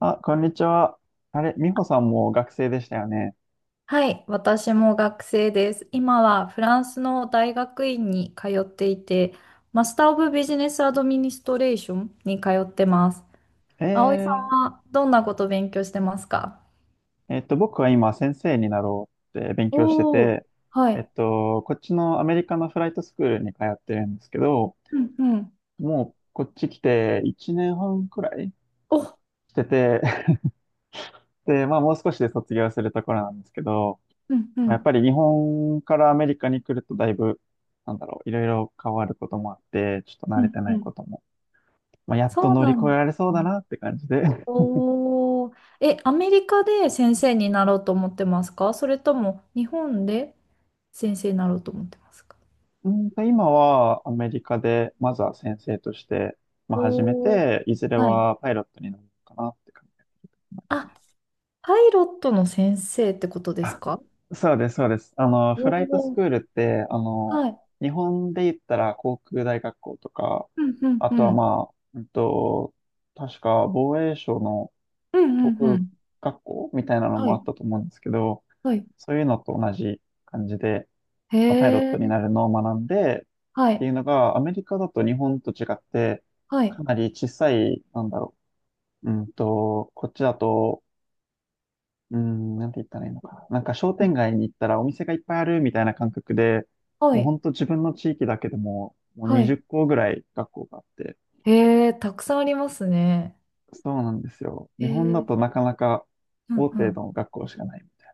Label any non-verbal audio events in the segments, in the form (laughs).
あ、こんにちは。あれ、美穂さんも学生でしたよね。はい、私も学生です。今はフランスの大学院に通っていて、マスター・オブ・ビジネス・アドミニストレーションに通ってます。葵さんえはどんなことを勉強してますか？僕は今先生になろうって勉強しておおー、て、はい。こっちのアメリカのフライトスクールに通ってるんですけど、うんうん。もうこっち来て1年半くらいお、してて、(laughs) で、まあもう少しで卒業するところなんですけど、うんうまあやっん。ぱり日本からアメリカに来るとだいぶ、なんだろう、いろいろ変わることもあって、ちょっと慣うれんてなういん。ことも、まあ、やっとそう乗りな越えんでられそうすだね。なって感じで。おー。え、アメリカで先生になろうと思ってますか、それとも日本で先生になろうと思ってますか？今はアメリカで、まずは先生として、まあ、始めおおー、て、いずれはい。はパイロットになるのかなって感じ。あ、パイロットの先生ってことですあ、か？そうです、そうです。おフライトおスクーー、ルって、はい。日本で言ったら航空大学校とか、うんうんあうとはん。まあ、確か防衛省のうん航うんう空ん。学校みたいなのはもあっい。たと思うんですけど、はい。そういうのと同じ感じで、へまあパイロットにえ。なるのを学んで、はってい。いうのが、アメリカだと日本と違って、はい。かなり小さい、なんだろう。こっちだと、うん、なんて言ったらいいのかな。なんか商店街に行ったらお店がいっぱいあるみたいな感覚で、はもうほい。んと自分の地域だけでも、もうはい。20校ぐらい学校があって、へえ。たくさんありますね。そうなんですよ。へ日本だえ。となかなかうん大う手ん。の学校しかないみたい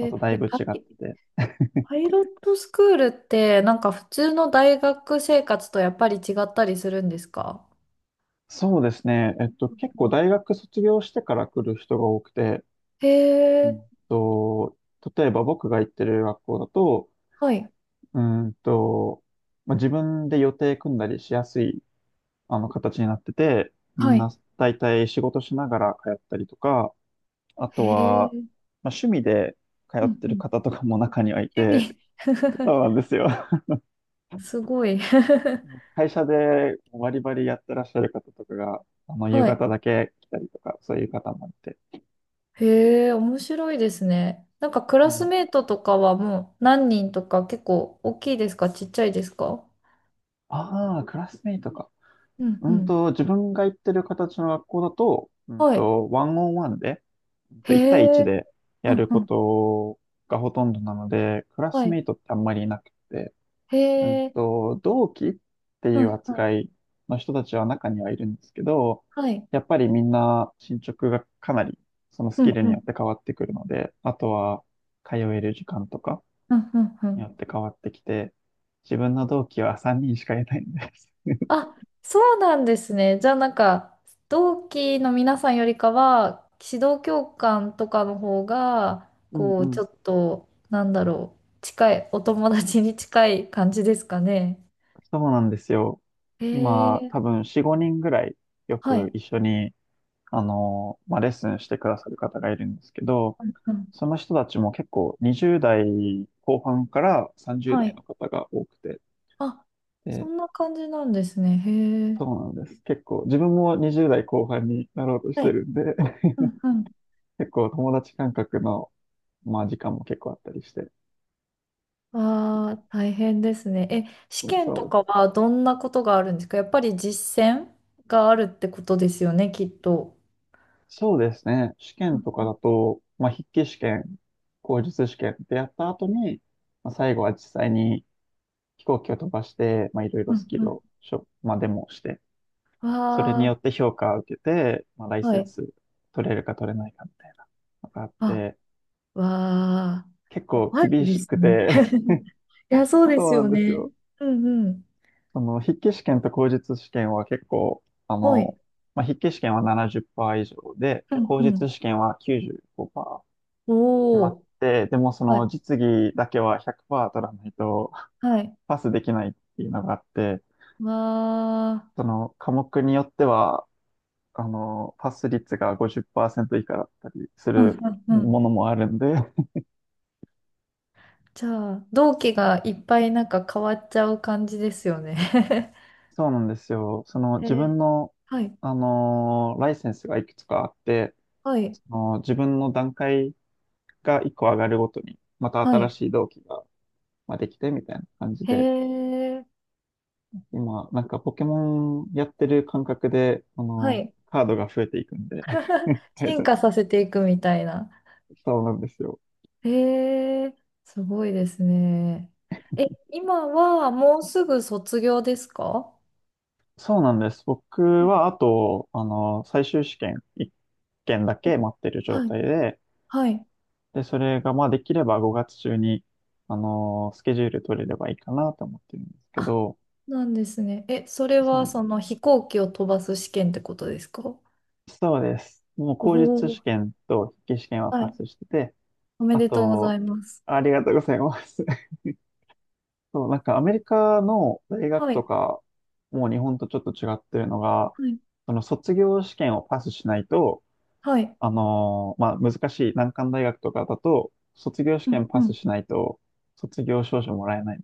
な。あえ。とだいぶ違ってて。パイロットスクールってなんか普通の大学生活とやっぱり違ったりするんですか？そうですね。う結構ん、大学卒業してから来る人が多くて、へうえ。んと、例えば僕が行ってる学校だと、はい。うーんと、まあ、自分で予定組んだりしやすい、形になってて、みんはない。大体仕事しながら通ったりとか、あへとは、え。まあ、趣味で通うっんてうるん。方とかも中にはい趣て、味。そうなん (laughs) ですよ。(laughs) すごい。(laughs) もう会社でバリバリやってらっしゃる方とかが、夕はい。方だけ来たりとか、そういう方もいて。へえ、面白いですね。なんかクうラスん、メートとかはもう何人とか、結構大きいですか、ちっちゃいですか？ああ、クラスメイトか。うんうん。自分が行ってる形の学校だと、はい。ワンオンワンで、へ1対1え。でうやんるうこん。とがほとんどなので、クラはスメい。イトってあんまりいなくて、へえ。同期ってういうんうん。扱いの人たちは中にはいるんですけど、はい。やっぱりみんな進捗がかなりそのスうキんルうによん。って変わってくるので、あとは通える時間とかうんうんうにん。よって変わってきて、自分の同期は3人しかいないんです。あ、そうなんですね。じゃあなんか、同期の皆さんよりかは、指導教官とかの方が、うんこうう、ん。ちょっと、なんだろう、近い、お友達に近い感じですかね？そうなんですよ。へ今、え。多分4、5人ぐらいよはくい。一緒に、まあ、レッスンしてくださる方がいるんですけど、うんうん。その人たちも結構20代後半から30は代い。の方が多くて、あ、そで、んな感じなんですね。へえ。そうなんです。結構、自分も20代後半になろうとしはてい。るんで、(laughs) うんうん。結構友達感覚の、まあ、時間も結構あったりして、ああ、大変ですね。え、試そ験とう、かはどんなことがあるんですか、やっぱり実践があるってことですよね、きっと。そうですね。試う験んとかうだと、まあ、筆記試験、口述試験ってやった後に、まあ、最後は実際に飛行機を飛ばして、まあ、いろいんろうスんキうルん。をしょ、まあ、デモをして、それわによあ、って評価を受けて、まあ、ライはセンい。ス取れるか取れないかみたいなのがあっあ、て、わあ、結構怖い厳でしすくね。て。 (laughs) いや、(laughs) そうでそすうなんよですね。よ。うんうん。その筆記試験と口述試験は結構、はい。まあ、筆記試験は70%以上で、うん口う述ん。試験は95%おまっお、て、でもそはのい、実技だけは100%取らないとはい。パスできないっていうのがあって、わあ、その科目によっては、パス率が50%以下だったりすうんるうんうん、ものもあるんで、(laughs) じゃあ、同期がいっぱいなんか変わっちゃう感じですよね。そうなんですよ。その (laughs) へ自分え、の、はい、ライセンスがいくつかあって、はい、その自分の段階が1個上がるごとに、または新い。しい同期が、まあ、できてみたいな感じへで、え、今、なんかポケモンやってる感覚で、はい。カードが増えていくんで。 (laughs) (laughs) 大進切化させていくみたいな。そうなんですよ。へえ、すごいですね。え、今はもうすぐ卒業ですか？そうなんです。僕うん、は、あと、最終試験1件だけ待ってる状はい、態で、はい。で、それが、まあ、できれば5月中に、スケジュール取れればいいかなと思ってるんですけあ、ど、なんですね。え、それそはうなんそでの飛行機を飛ばす試験ってことですか？おす。そうです。もう、お口述試ー、験と筆記試験ははパい。スしてて、おめあでとうござと、います。ありがとうございます。そう、なんかアメリカの大学はとい。か、もう日本とちょっと違ってるのが、はい、その卒業試験をパスしないと、はい。まあ、難しい難関大学とかだと、卒業試うん験うパスん。しないと、卒業証書もらえない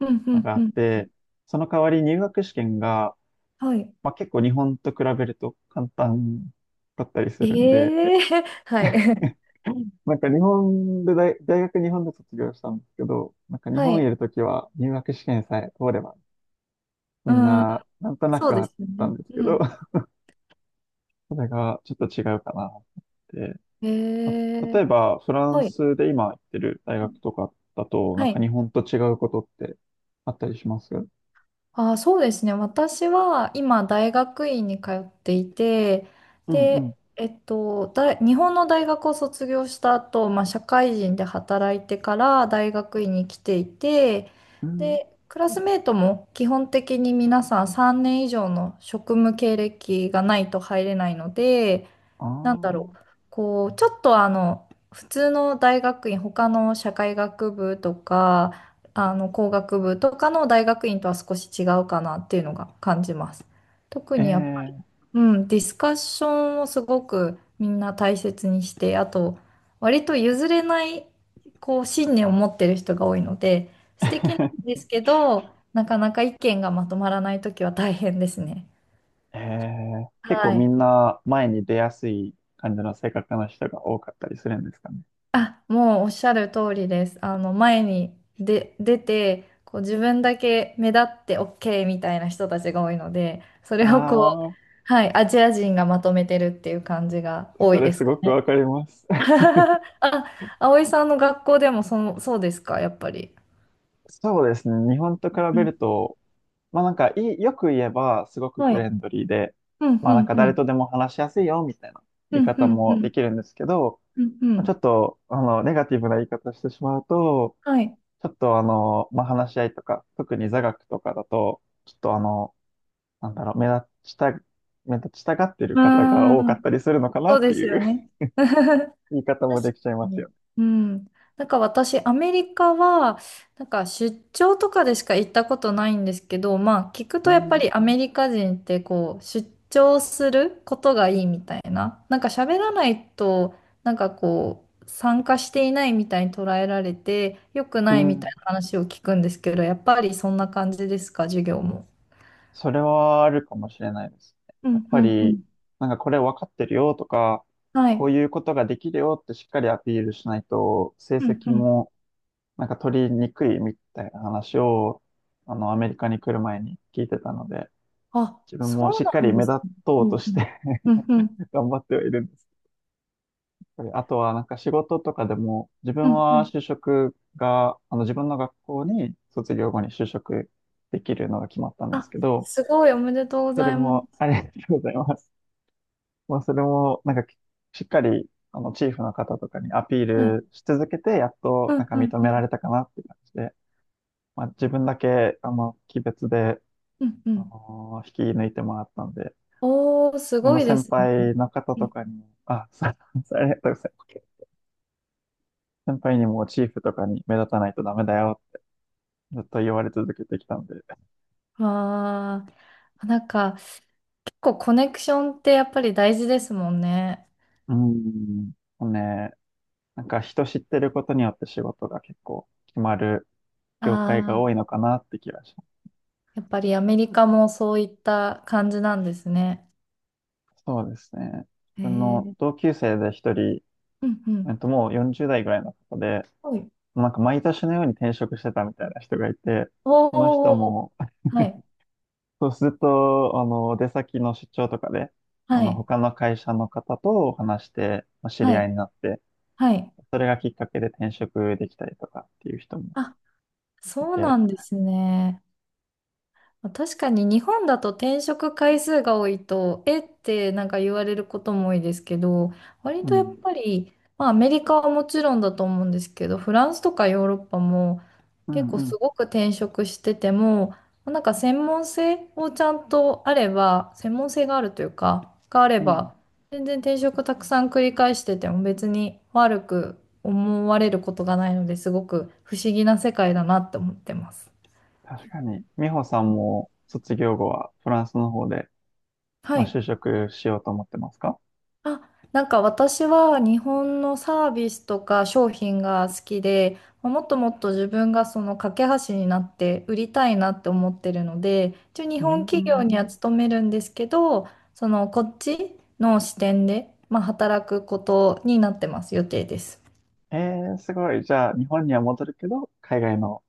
うんうのんがあうっん。て、その代わり入学試験が、はい。まあ、結構日本と比べると簡単だったりすえるんで、えー、 (laughs) はい。なんか日本で大学日本で卒業したんですけど、なんか (laughs) 日は本にいい。るときは入学試験さえ通ればみんうん。な、なんとなそうくであっすよたんね。ですけうど、ん。(laughs) それがちょっと違うかなって。えまえあ例えー、ば、フランはい。スで今行ってる大うん、学とかだと、なはんか日い。本と違うことってあったりします？あー、そうですね。私は今大学院に通っていて、うんうん。で、日本の大学を卒業した後、まあ、社会人で働いてから大学院に来ていて、うん。で、クラスメートも基本的に皆さん3年以上の職務経歴がないと入れないので、あなんだろあ。う、こう、ちょっとあの、普通の大学院、他の社会学部とか、あの、工学部とかの大学院とは少し違うかなっていうのが感じます。特えにやっぱり、え。 うん、ディスカッションをすごくみんな大切にして、あと、割と譲れない、こう、信念を持ってる人が多いので、素敵なん (laughs) ですけど、なかなか意見がまとまらないときは大変ですね。ええ、結構はみい。んな前に出やすい感じの性格の人が多かったりするんですかね。あ、もうおっしゃる通りです。あの、前に出て、こう自分だけ目立って OK みたいな人たちが多いので、それをこう、ああ、はい、アジア人がまとめてるっていう感じが多そいれですすかごくわね？かります。(laughs) あ、葵さんの学校でもその、そうですか、やっぱり。(laughs) そうですね。日本と比うべん、るとまあなんかいい、よく言えばすごくはフレい。ンドリーで、うん、まうあなんん、かう誰とん。でも話しやすいよみたいな言ういん、う方ん、うもでん。きるんですけど、うん、うまあちょん。っと、ネガティブな言い方してしまうと、はい。ちょっとまあ話し合いとか、特に座学とかだと、ちょっとなんだろう、目立ちたがってるうー方が多かっん。たりするのかなそうってですいよう。 ね。(laughs) 確か (laughs) 言い方もできちゃいますに。よね。うん。なんか私、アメリカは、なんか出張とかでしか行ったことないんですけど、まあ聞くうとやっぱん。りアメリカ人ってこう、出張することがいいみたいな。なんか喋らないと、なんかこう、参加していないみたいに捉えられて、良くうないみたいん。な話を聞くんですけど、やっぱりそんな感じですか、授業も？それはあるかもしれないですね。うやっんうぱんうり、ん。なんかこれ分かってるよとか、はこうい。いうことができるよってしっかりアピールしないと、成うん績うん。もなんか取りにくいみたいな話を、アメリカに来る前に聞いてたので、あ、自分そもしうっかなりんで目す立ね。とううんとうしん。て、 うんうん。(laughs) 頑張ってはいるんです。あとはなんか仕事とかでも、自う分んうはん、就職が、自分の学校に卒業後に就職できるのが決まったんですあ、けど、すごい、おめでとうごそざれいまもす。ありがとうございます。まあ、それも、なんかしっかり、チーフの方とかにアピーはい。ルし続けて、やっうと、ん、なんかう認ん、うめられん、たかなって感じで、まあ、自分だけ、鬼別で、うん、うん。引き抜いてもらったんで、自おー、す分ごのいで先すね。輩の方うとん、かにも、あ、そう、(laughs) ありがとうございます。先輩にもチーフとかに目立たないとダメだよ、ずっと言われ続けてきたんで。うわー、なんか、結構コネクションってやっぱり大事ですもんね。ん、もうね、なんか人知ってることによって仕事が結構決まる業界がああ、多いのかなって気がします。やっぱりアメリカもそういった感じなんですね。そうですね。自へ分のえ、同級生で一人、うん、うん。もう40代ぐらいの方で、はい。なんか毎年のように転職してたみたいな人がいて、その人おー、も、はい、そうずっと、出先の出張とかで、はい、他の会社の方と話して、まあ知はり合いい、になって、はい。それがきっかけで転職できたりとかっていう人もあ、いそうなて、んですね。まあ確かに日本だと転職回数が多いと、えってなんか言われることも多いですけど、割うとやっん、ぱり、まあアメリカはもちろんだと思うんですけど、フランスとかヨーロッパもうん、結構うすん、ごく転職してても、なんか専門性をちゃんとあれば、専門性があるというか、があれうん。ば、全然転職たくさん繰り返してても別に悪く思われることがないので、すごく不思議な世界だなって思ってます。確かに、美穂さんも卒業後はフランスの方で、はまあ、い。就職しようと思ってますか？あ、なんか私は日本のサービスとか商品が好きで、もっともっと自分がその架け橋になって売りたいなって思ってるので、一応日う本企業ん。には勤めるんですけど、そのこっちの視点で、まあ、働くことになってます、予定です。ええー、すごい。じゃあ、日本には戻るけど、海外の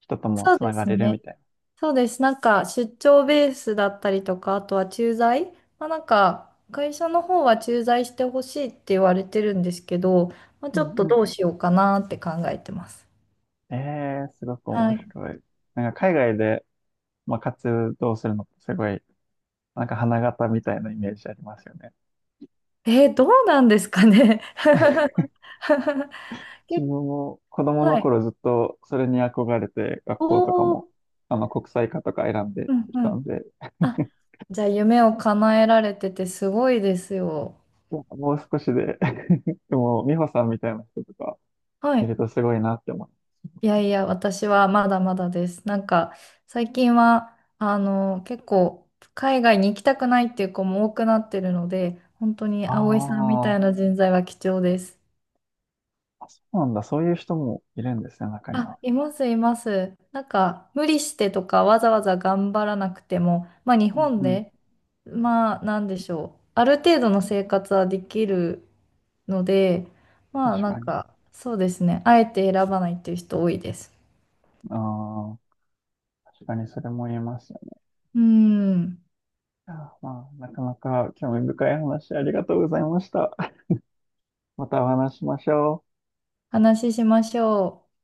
人ともそうつでながすれるね。みたいそうです。なんか出張ベースだったりとか、あとは駐在。まあ、なんか会社の方は駐在してほしいって言われてるんですけど、まあ、ちな。ょうっんとうん。どうしようかなって考えてます。ええー、すごくは面い。白い。なんか海外で、まあ、活動するのってすごい、なんか花形みたいなイメージありますよね。えー、どうなんですかね？(laughs) 自結分も子供構、のはい。頃ずっとそれに憧れて、学お校とかも、お、国際科とか選んでうんきうたんん。で、あ、じゃあ夢を叶えられててすごいですよ。いやもう少しで、 (laughs) でも、美穂さんみたいな人とかはいい。るとすごいなって思う。いやいや、私はまだまだです。なんか、最近は、あの、結構、海外に行きたくないっていう子も多くなってるので、本当に葵さんみたあいな人材は貴重です。ーあ、そうなんだ。そういう人もいるんですね、中にあ、は。います、います。なんか、無理してとか、わざわざ頑張らなくても、まあ、日う本ん、で、まあ、なんでしょう。ある程度の生活はできるので、まあ、確なんかに。か、そうですね。あえて選ばないっていう人多いです。ああ、確かにそれも言えますよね。うん、あー、まあ、なかなか興味深い話ありがとうございました。(laughs) またお話ししましょう。話ししましょう。